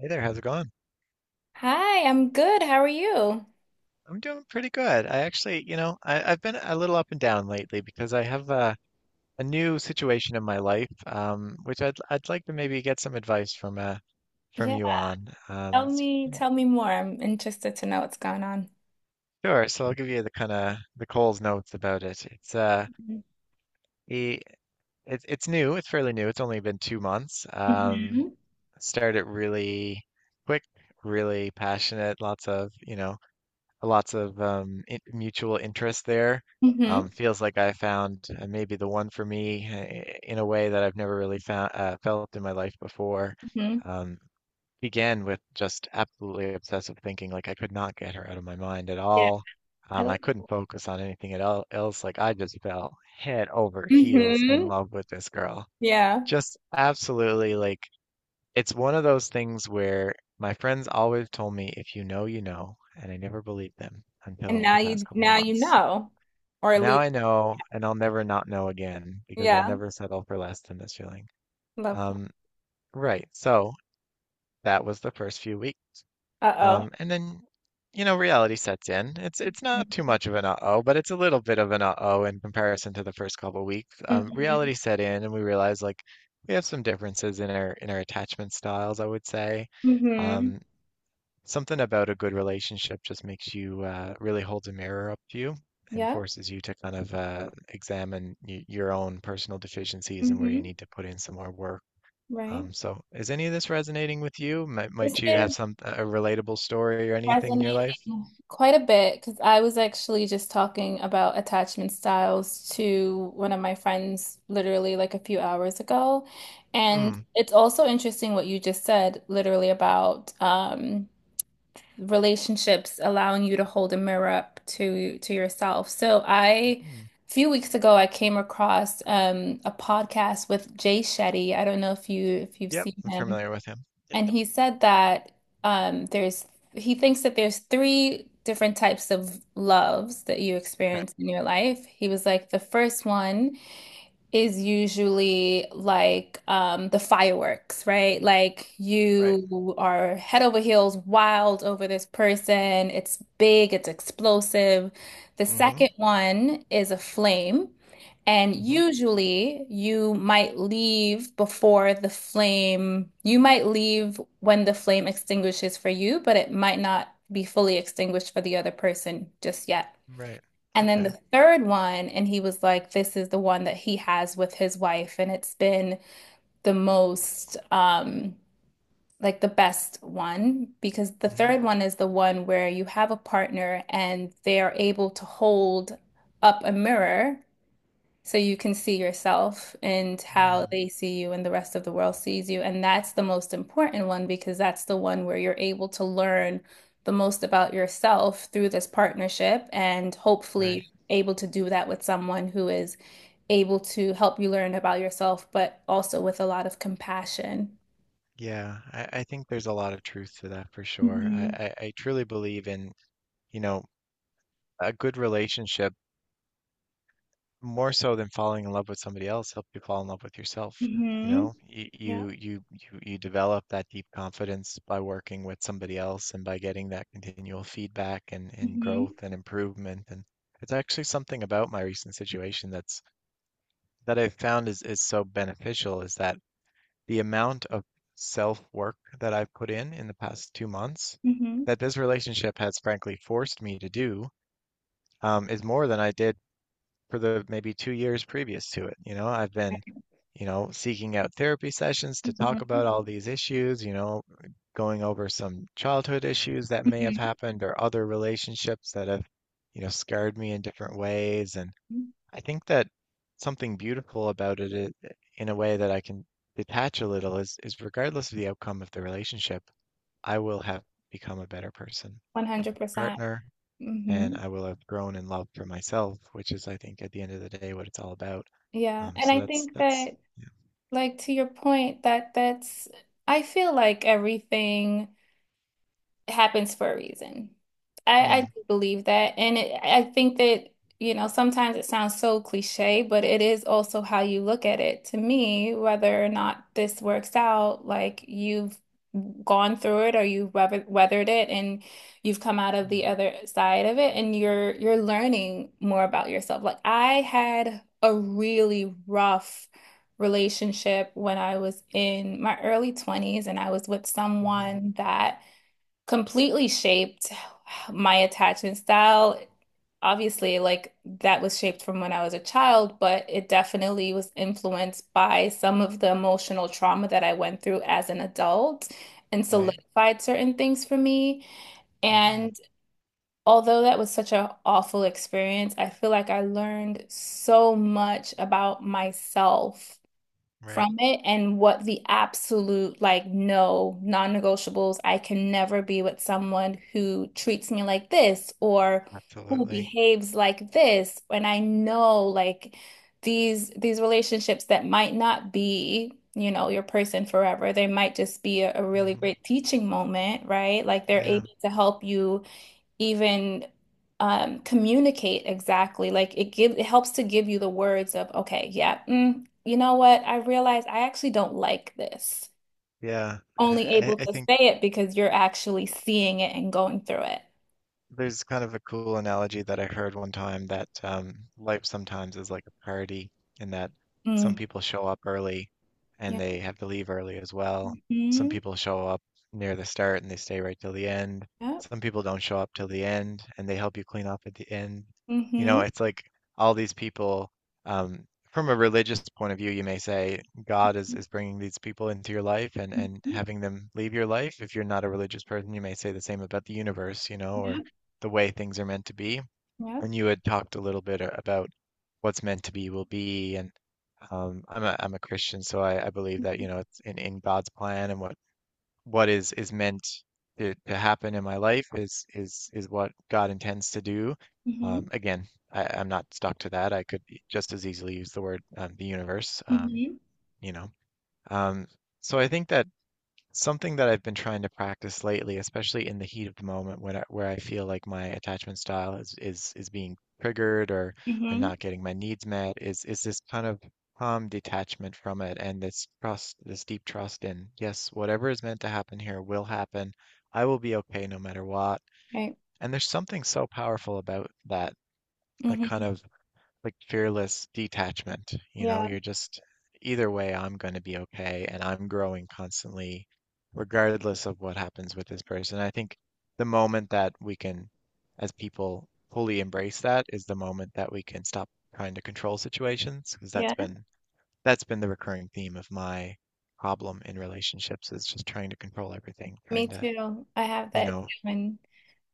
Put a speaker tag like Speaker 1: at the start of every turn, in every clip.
Speaker 1: Hey there, how's it going?
Speaker 2: Hi, I'm good. How are you?
Speaker 1: I'm doing pretty good. I actually, I've been a little up and down lately because I have a new situation in my life, which I'd like to maybe get some advice from
Speaker 2: Yeah,
Speaker 1: you on.
Speaker 2: tell me, tell me more. I'm interested to know what's going on.
Speaker 1: Sure. So I'll give you the kind of the Cole's notes about it. It's he, it's new. It's fairly new. It's only been 2 months.
Speaker 2: Mm-hmm.
Speaker 1: Started really quick, really passionate. Lots of, you know. Lots of in mutual interest there.
Speaker 2: Hmm.
Speaker 1: Feels like I found maybe the one for me in a way that I've never really found felt in my life before.
Speaker 2: Hmm.
Speaker 1: Um, began with just absolutely obsessive thinking, like I could not get her out of my mind at
Speaker 2: Yeah.
Speaker 1: all.
Speaker 2: I
Speaker 1: I
Speaker 2: like.
Speaker 1: couldn't focus on anything at all else. Like I just fell head over heels in
Speaker 2: Hmm.
Speaker 1: love with this girl.
Speaker 2: Yeah.
Speaker 1: Just absolutely like it's one of those things where my friends always told me, if you know, you know, and I never believed them
Speaker 2: And
Speaker 1: until
Speaker 2: now
Speaker 1: the past
Speaker 2: you
Speaker 1: couple
Speaker 2: now you
Speaker 1: months.
Speaker 2: know. Or at
Speaker 1: Now
Speaker 2: least,
Speaker 1: I know, and I'll never not know again because I'll
Speaker 2: yeah.
Speaker 1: never settle for less than this feeling.
Speaker 2: Love that.
Speaker 1: Um, right. So that was the first few weeks.
Speaker 2: Uh-oh.
Speaker 1: And then, reality sets in. It's not too much of an uh-oh, but it's a little bit of an uh-oh in comparison to the first couple weeks. Um,
Speaker 2: Mm-hmm.
Speaker 1: reality set in, and we realized like we have some differences in our attachment styles, I would say.
Speaker 2: Mm-hmm.
Speaker 1: Um, Something about a good relationship just makes you really holds a mirror up to you and
Speaker 2: Yeah.
Speaker 1: forces you to kind of examine y your own personal deficiencies and where you
Speaker 2: Mm-hmm.
Speaker 1: need to put in some more work.
Speaker 2: Right.
Speaker 1: So, is any of this resonating with you? Might,
Speaker 2: This
Speaker 1: might you have
Speaker 2: is
Speaker 1: some a relatable story or anything in your life?
Speaker 2: Resonating quite a bit because I was actually just talking about attachment styles to one of my friends literally like a few hours ago. And
Speaker 1: Mm,
Speaker 2: it's also interesting what you just said, literally about relationships allowing you to hold a mirror up to yourself. So a
Speaker 1: mm.
Speaker 2: few weeks ago, I came across a podcast with Jay Shetty. I don't know if you if you've
Speaker 1: Yep,
Speaker 2: seen
Speaker 1: I'm
Speaker 2: him.
Speaker 1: familiar with him. Yep.
Speaker 2: And he said that there's he thinks that there's three different types of loves that you
Speaker 1: Right.
Speaker 2: experience in your life. He was like, the first one is usually like the fireworks, right? Like
Speaker 1: Right.
Speaker 2: you are head over heels wild over this person. It's big, it's explosive. The
Speaker 1: Mm-hmm.
Speaker 2: second one is a flame. And
Speaker 1: Mm-hmm.
Speaker 2: usually you might leave before the flame, you might leave when the flame extinguishes for you, but it might not be fully extinguished for the other person just yet.
Speaker 1: Right.
Speaker 2: And then
Speaker 1: Okay.
Speaker 2: the third one, and he was like, this is the one that he has with his wife. And it's been the most, like the best one, because the
Speaker 1: Mm-hmm.
Speaker 2: third one is the one where you have a partner and they are able to hold up a mirror so you can see yourself and how
Speaker 1: Mm,
Speaker 2: they see you and the rest of the world sees you. And that's the most important one because that's the one where you're able to learn the most about yourself through this partnership and
Speaker 1: right.
Speaker 2: hopefully able to do that with someone who is able to help you learn about yourself, but also with a lot of compassion.
Speaker 1: Yeah, I think there's a lot of truth to that for sure.
Speaker 2: Hmm.
Speaker 1: I truly believe in, you know, a good relationship, more so than falling in love with somebody else, help you fall in love with yourself. You
Speaker 2: Hmm.
Speaker 1: know, you
Speaker 2: Yeah.
Speaker 1: you you you, you develop that deep confidence by working with somebody else and by getting that continual feedback and
Speaker 2: Hmm.
Speaker 1: growth and improvement. And it's actually something about my recent situation that I've found is so beneficial is that the amount of self work that I've put in the past 2 months
Speaker 2: Hmm.
Speaker 1: that this relationship has frankly forced me to do is more than I did for the maybe 2 years previous to it. You know, I've been, seeking out therapy sessions to talk about
Speaker 2: Hmm.
Speaker 1: all these issues, going over some childhood issues that may have
Speaker 2: Hmm.
Speaker 1: happened or other relationships that have, scarred me in different ways. And I think that something beautiful about it in a way that I can detach a little is regardless of the outcome of the relationship, I will have become a better person,
Speaker 2: 100%.
Speaker 1: partner, and
Speaker 2: Hmm.
Speaker 1: I will have grown in love for myself, which is, I think, at the end of the day, what it's all about.
Speaker 2: Yeah.
Speaker 1: Um,
Speaker 2: And
Speaker 1: so
Speaker 2: I
Speaker 1: that's
Speaker 2: think
Speaker 1: that's
Speaker 2: that.
Speaker 1: yeah.
Speaker 2: Like, to your point, that that's, I feel like everything. It happens for a reason. I
Speaker 1: Mm,
Speaker 2: do believe that. And I think that sometimes it sounds so cliche, but it is also how you look at it. To me, whether or not this works out, like you've gone through it, or you've weathered it, and you've come out of
Speaker 1: mm,
Speaker 2: the other side of it, and you're learning more about yourself. Like I had a really rough relationship when I was in my early 20s, and I was with
Speaker 1: hmm,
Speaker 2: someone that completely shaped my attachment style. Obviously, like that was shaped from when I was a child, but it definitely was influenced by some of the emotional trauma that I went through as an adult, and
Speaker 1: right.
Speaker 2: solidified certain things for me.
Speaker 1: Hmm,
Speaker 2: And although that was such an awful experience, I feel like I learned so much about myself
Speaker 1: right.
Speaker 2: from it, and what the absolute like no non-negotiables. I can never be with someone who treats me like this or who
Speaker 1: Absolutely.
Speaker 2: behaves like this, and I know like these relationships that might not be your person forever. They might just be a really
Speaker 1: Hmm.
Speaker 2: great teaching moment, right? Like they're
Speaker 1: Yeah.
Speaker 2: able to help you even communicate exactly. Like it helps to give you the words of, okay, yeah, you know what? I realize I actually don't like this.
Speaker 1: Yeah. I,
Speaker 2: Only
Speaker 1: I
Speaker 2: able
Speaker 1: I
Speaker 2: to
Speaker 1: think
Speaker 2: say it because you're actually seeing it and going through it.
Speaker 1: there's kind of a cool analogy that I heard one time that life sometimes is like a party in that some
Speaker 2: Mm.
Speaker 1: people show up early and
Speaker 2: Yeah.
Speaker 1: they have to leave early as well. Some
Speaker 2: Mm-hmm.
Speaker 1: people show up near the start and they stay right till the end.
Speaker 2: Yep.
Speaker 1: Some people don't show up till the end and they help you clean up at the end. You
Speaker 2: Mm-hmm.
Speaker 1: know, it's like all these people, um, from a religious point of view, you may say God is bringing these people into your life and
Speaker 2: Mm-hmm.
Speaker 1: having them leave your life. If you're not a religious person, you may say the same about the universe, or
Speaker 2: Yep.
Speaker 1: the way things are meant to be.
Speaker 2: Yep.
Speaker 1: And you had talked a little bit about what's meant to be will be. And I'm a Christian, so I believe that
Speaker 2: Mm-hmm.
Speaker 1: it's in God's plan and what is meant to happen in my life is what God intends to do. Again, I'm not stuck to that. I could just as easily use the word the universe.
Speaker 2: Mm-hmm. Mm-hmm.
Speaker 1: You know. Um, so I think that something that I've been trying to practice lately, especially in the heat of the moment where I feel like my attachment style is being triggered or I'm
Speaker 2: Mm-hmm.
Speaker 1: not getting my needs met, is this kind of calm detachment from it and this trust, this deep trust in, yes, whatever is meant to happen here will happen. I will be okay no matter what.
Speaker 2: Right.
Speaker 1: And there's something so powerful about that, like
Speaker 2: Mm-hmm.
Speaker 1: kind of like fearless detachment. You know,
Speaker 2: Yeah.
Speaker 1: you're just either way, I'm going to be okay, and I'm growing constantly, regardless of what happens with this person. I think the moment that we can, as people, fully embrace that is the moment that we can stop trying to control situations, because that's
Speaker 2: Yeah.
Speaker 1: been that's been the recurring theme of my problem in relationships is just trying to control everything,
Speaker 2: Me
Speaker 1: trying to,
Speaker 2: too. I have
Speaker 1: you
Speaker 2: that
Speaker 1: know,
Speaker 2: too. And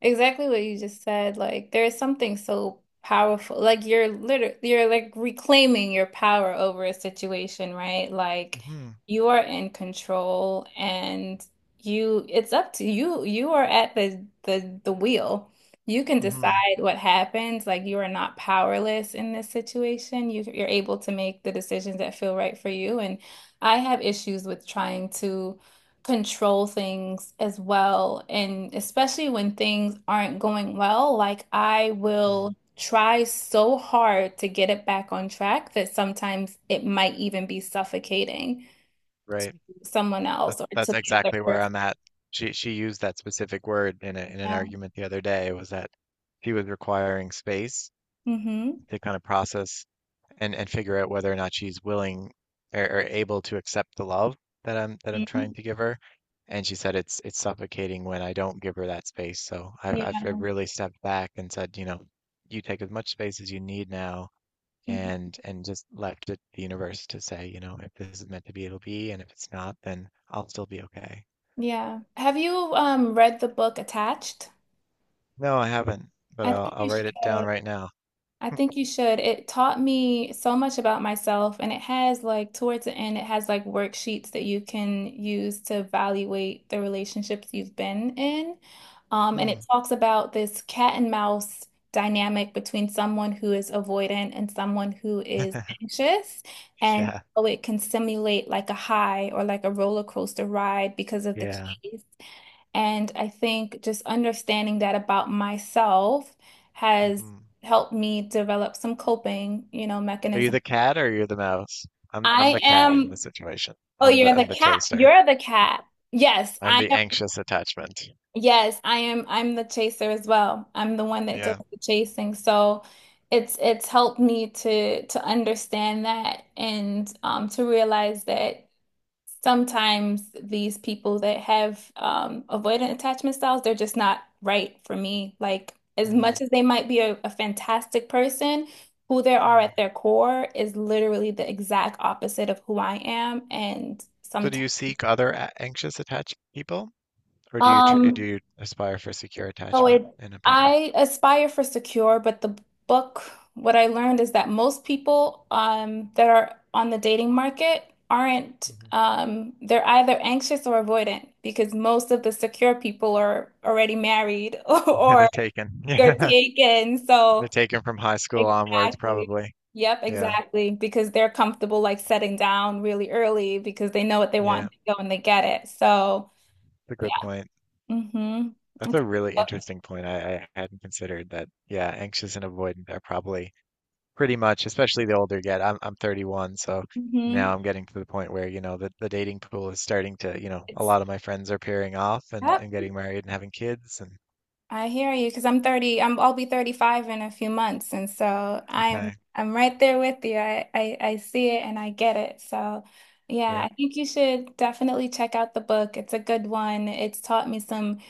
Speaker 2: exactly what you just said, like there is something so powerful. Like you're like reclaiming your power over a situation, right? Like
Speaker 1: mm-hmm,
Speaker 2: you are in control, and you it's up to you. You are at the wheel. You can
Speaker 1: mm-hmm,
Speaker 2: decide what happens. Like you are not powerless in this situation. You're able to make the decisions that feel right for you. And I have issues with trying to control things as well. And especially when things aren't going well, like I will try so hard to get it back on track that sometimes it might even be suffocating
Speaker 1: right.
Speaker 2: someone
Speaker 1: That's,
Speaker 2: else or to
Speaker 1: that's
Speaker 2: the other
Speaker 1: exactly where
Speaker 2: person.
Speaker 1: I'm at. She used that specific word in an
Speaker 2: Yeah.
Speaker 1: argument the other day was that she was requiring space
Speaker 2: Hmm.
Speaker 1: to kind of process and figure out whether or not she's willing or able to accept the love that I'm trying
Speaker 2: Hmm.
Speaker 1: to give her. And she said it's suffocating when I don't give her that space. So I've
Speaker 2: Yeah.
Speaker 1: I've I've really stepped back and said, you know, you take as much space as you need now
Speaker 2: Mhm.
Speaker 1: and just left it to the universe to say, you know, if this is meant to be, it'll be, and if it's not, then I'll still be okay.
Speaker 2: Yeah. Have you read the book Attached?
Speaker 1: No, I haven't, but
Speaker 2: I
Speaker 1: I'll
Speaker 2: think
Speaker 1: I'll
Speaker 2: you should.
Speaker 1: write it down right now.
Speaker 2: I think you should. It taught me so much about myself, and it has like towards the end, it has like worksheets that you can use to evaluate the relationships you've been in. And it
Speaker 1: Mm.
Speaker 2: talks about this cat and mouse dynamic between someone who is avoidant and someone who is anxious, and
Speaker 1: Yeah,
Speaker 2: how it can simulate like a high or like a roller coaster ride because of the
Speaker 1: yeah.
Speaker 2: chase. And I think just understanding that about myself has
Speaker 1: Hmm.
Speaker 2: helped me develop some coping, you know,
Speaker 1: Are you
Speaker 2: mechanism.
Speaker 1: the cat or you're the mouse? I'm
Speaker 2: I
Speaker 1: the cat in
Speaker 2: am,
Speaker 1: the situation.
Speaker 2: oh,
Speaker 1: I'm
Speaker 2: you're
Speaker 1: the
Speaker 2: the
Speaker 1: I'm the
Speaker 2: cat.
Speaker 1: chaser.
Speaker 2: You're the cat. Yes,
Speaker 1: I'm
Speaker 2: I
Speaker 1: the
Speaker 2: am.
Speaker 1: anxious attachment.
Speaker 2: Yes, I am. I'm the chaser as well. I'm the one that does
Speaker 1: Yeah.
Speaker 2: the chasing. So it's helped me to understand that, and to realize that. Sometimes these people that have avoidant attachment styles, they're just not right for me. Like, as
Speaker 1: Mm.
Speaker 2: much as they might be a fantastic person, who they are
Speaker 1: Mm.
Speaker 2: at their core is literally the exact opposite of who I am. And
Speaker 1: So do
Speaker 2: sometimes.
Speaker 1: you seek other anxious attached people, or do
Speaker 2: um,
Speaker 1: you aspire for secure
Speaker 2: So
Speaker 1: attachment
Speaker 2: it,
Speaker 1: in a partner?
Speaker 2: I aspire for secure, but the book, what I learned is that most people that are on the dating market aren't,
Speaker 1: Hmm.
Speaker 2: they're either anxious or avoidant, because most of the secure people are already married
Speaker 1: Yeah,
Speaker 2: or
Speaker 1: they're taken.
Speaker 2: they're
Speaker 1: Yeah,
Speaker 2: taken.
Speaker 1: they're
Speaker 2: So
Speaker 1: taken from high school onwards,
Speaker 2: exactly.
Speaker 1: probably.
Speaker 2: Yep,
Speaker 1: Yeah,
Speaker 2: exactly. Because they're comfortable like setting down really early because they know what they want,
Speaker 1: yeah.
Speaker 2: and they go and they get it. So
Speaker 1: It's a
Speaker 2: yeah.
Speaker 1: good point.
Speaker 2: Mm-hmm.
Speaker 1: That's
Speaker 2: It's,
Speaker 1: a really interesting point. I hadn't considered that. Yeah, anxious and avoidant are probably pretty much, especially the older you get. I'm 31, so
Speaker 2: mm-hmm.
Speaker 1: now I'm getting to the point where, the dating pool is starting to, a
Speaker 2: It's,
Speaker 1: lot of my friends are pairing off and,
Speaker 2: yep.
Speaker 1: and getting married and having kids and
Speaker 2: I hear you because I'm 30, I'll be 35 in a few months, and so I'm
Speaker 1: okay,
Speaker 2: I'm right there with you. I see it and I get it. So yeah,
Speaker 1: yeah,
Speaker 2: I think you should definitely check out the book. It's a good one. It's taught me some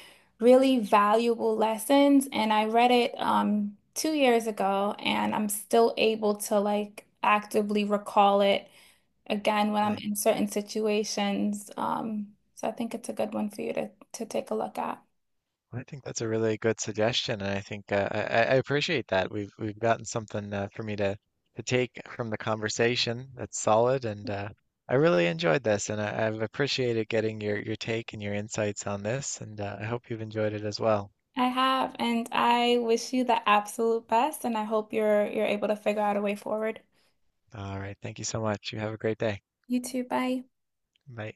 Speaker 2: really valuable lessons, and I read it 2 years ago, and I'm still able to like actively recall it again when I'm
Speaker 1: really.
Speaker 2: in certain situations. So I think it's a good one for you to take a look at.
Speaker 1: Well, I think that's a really good suggestion, and I think I appreciate that. We've gotten something for me to take from the conversation that's solid, and I really enjoyed this, and I've appreciated getting your take and your insights on this, and I hope you've enjoyed it as well.
Speaker 2: I have, and I wish you the absolute best, and I hope you're able to figure out a way forward.
Speaker 1: All right, thank you so much. You have a great day.
Speaker 2: You too, bye.
Speaker 1: Bye.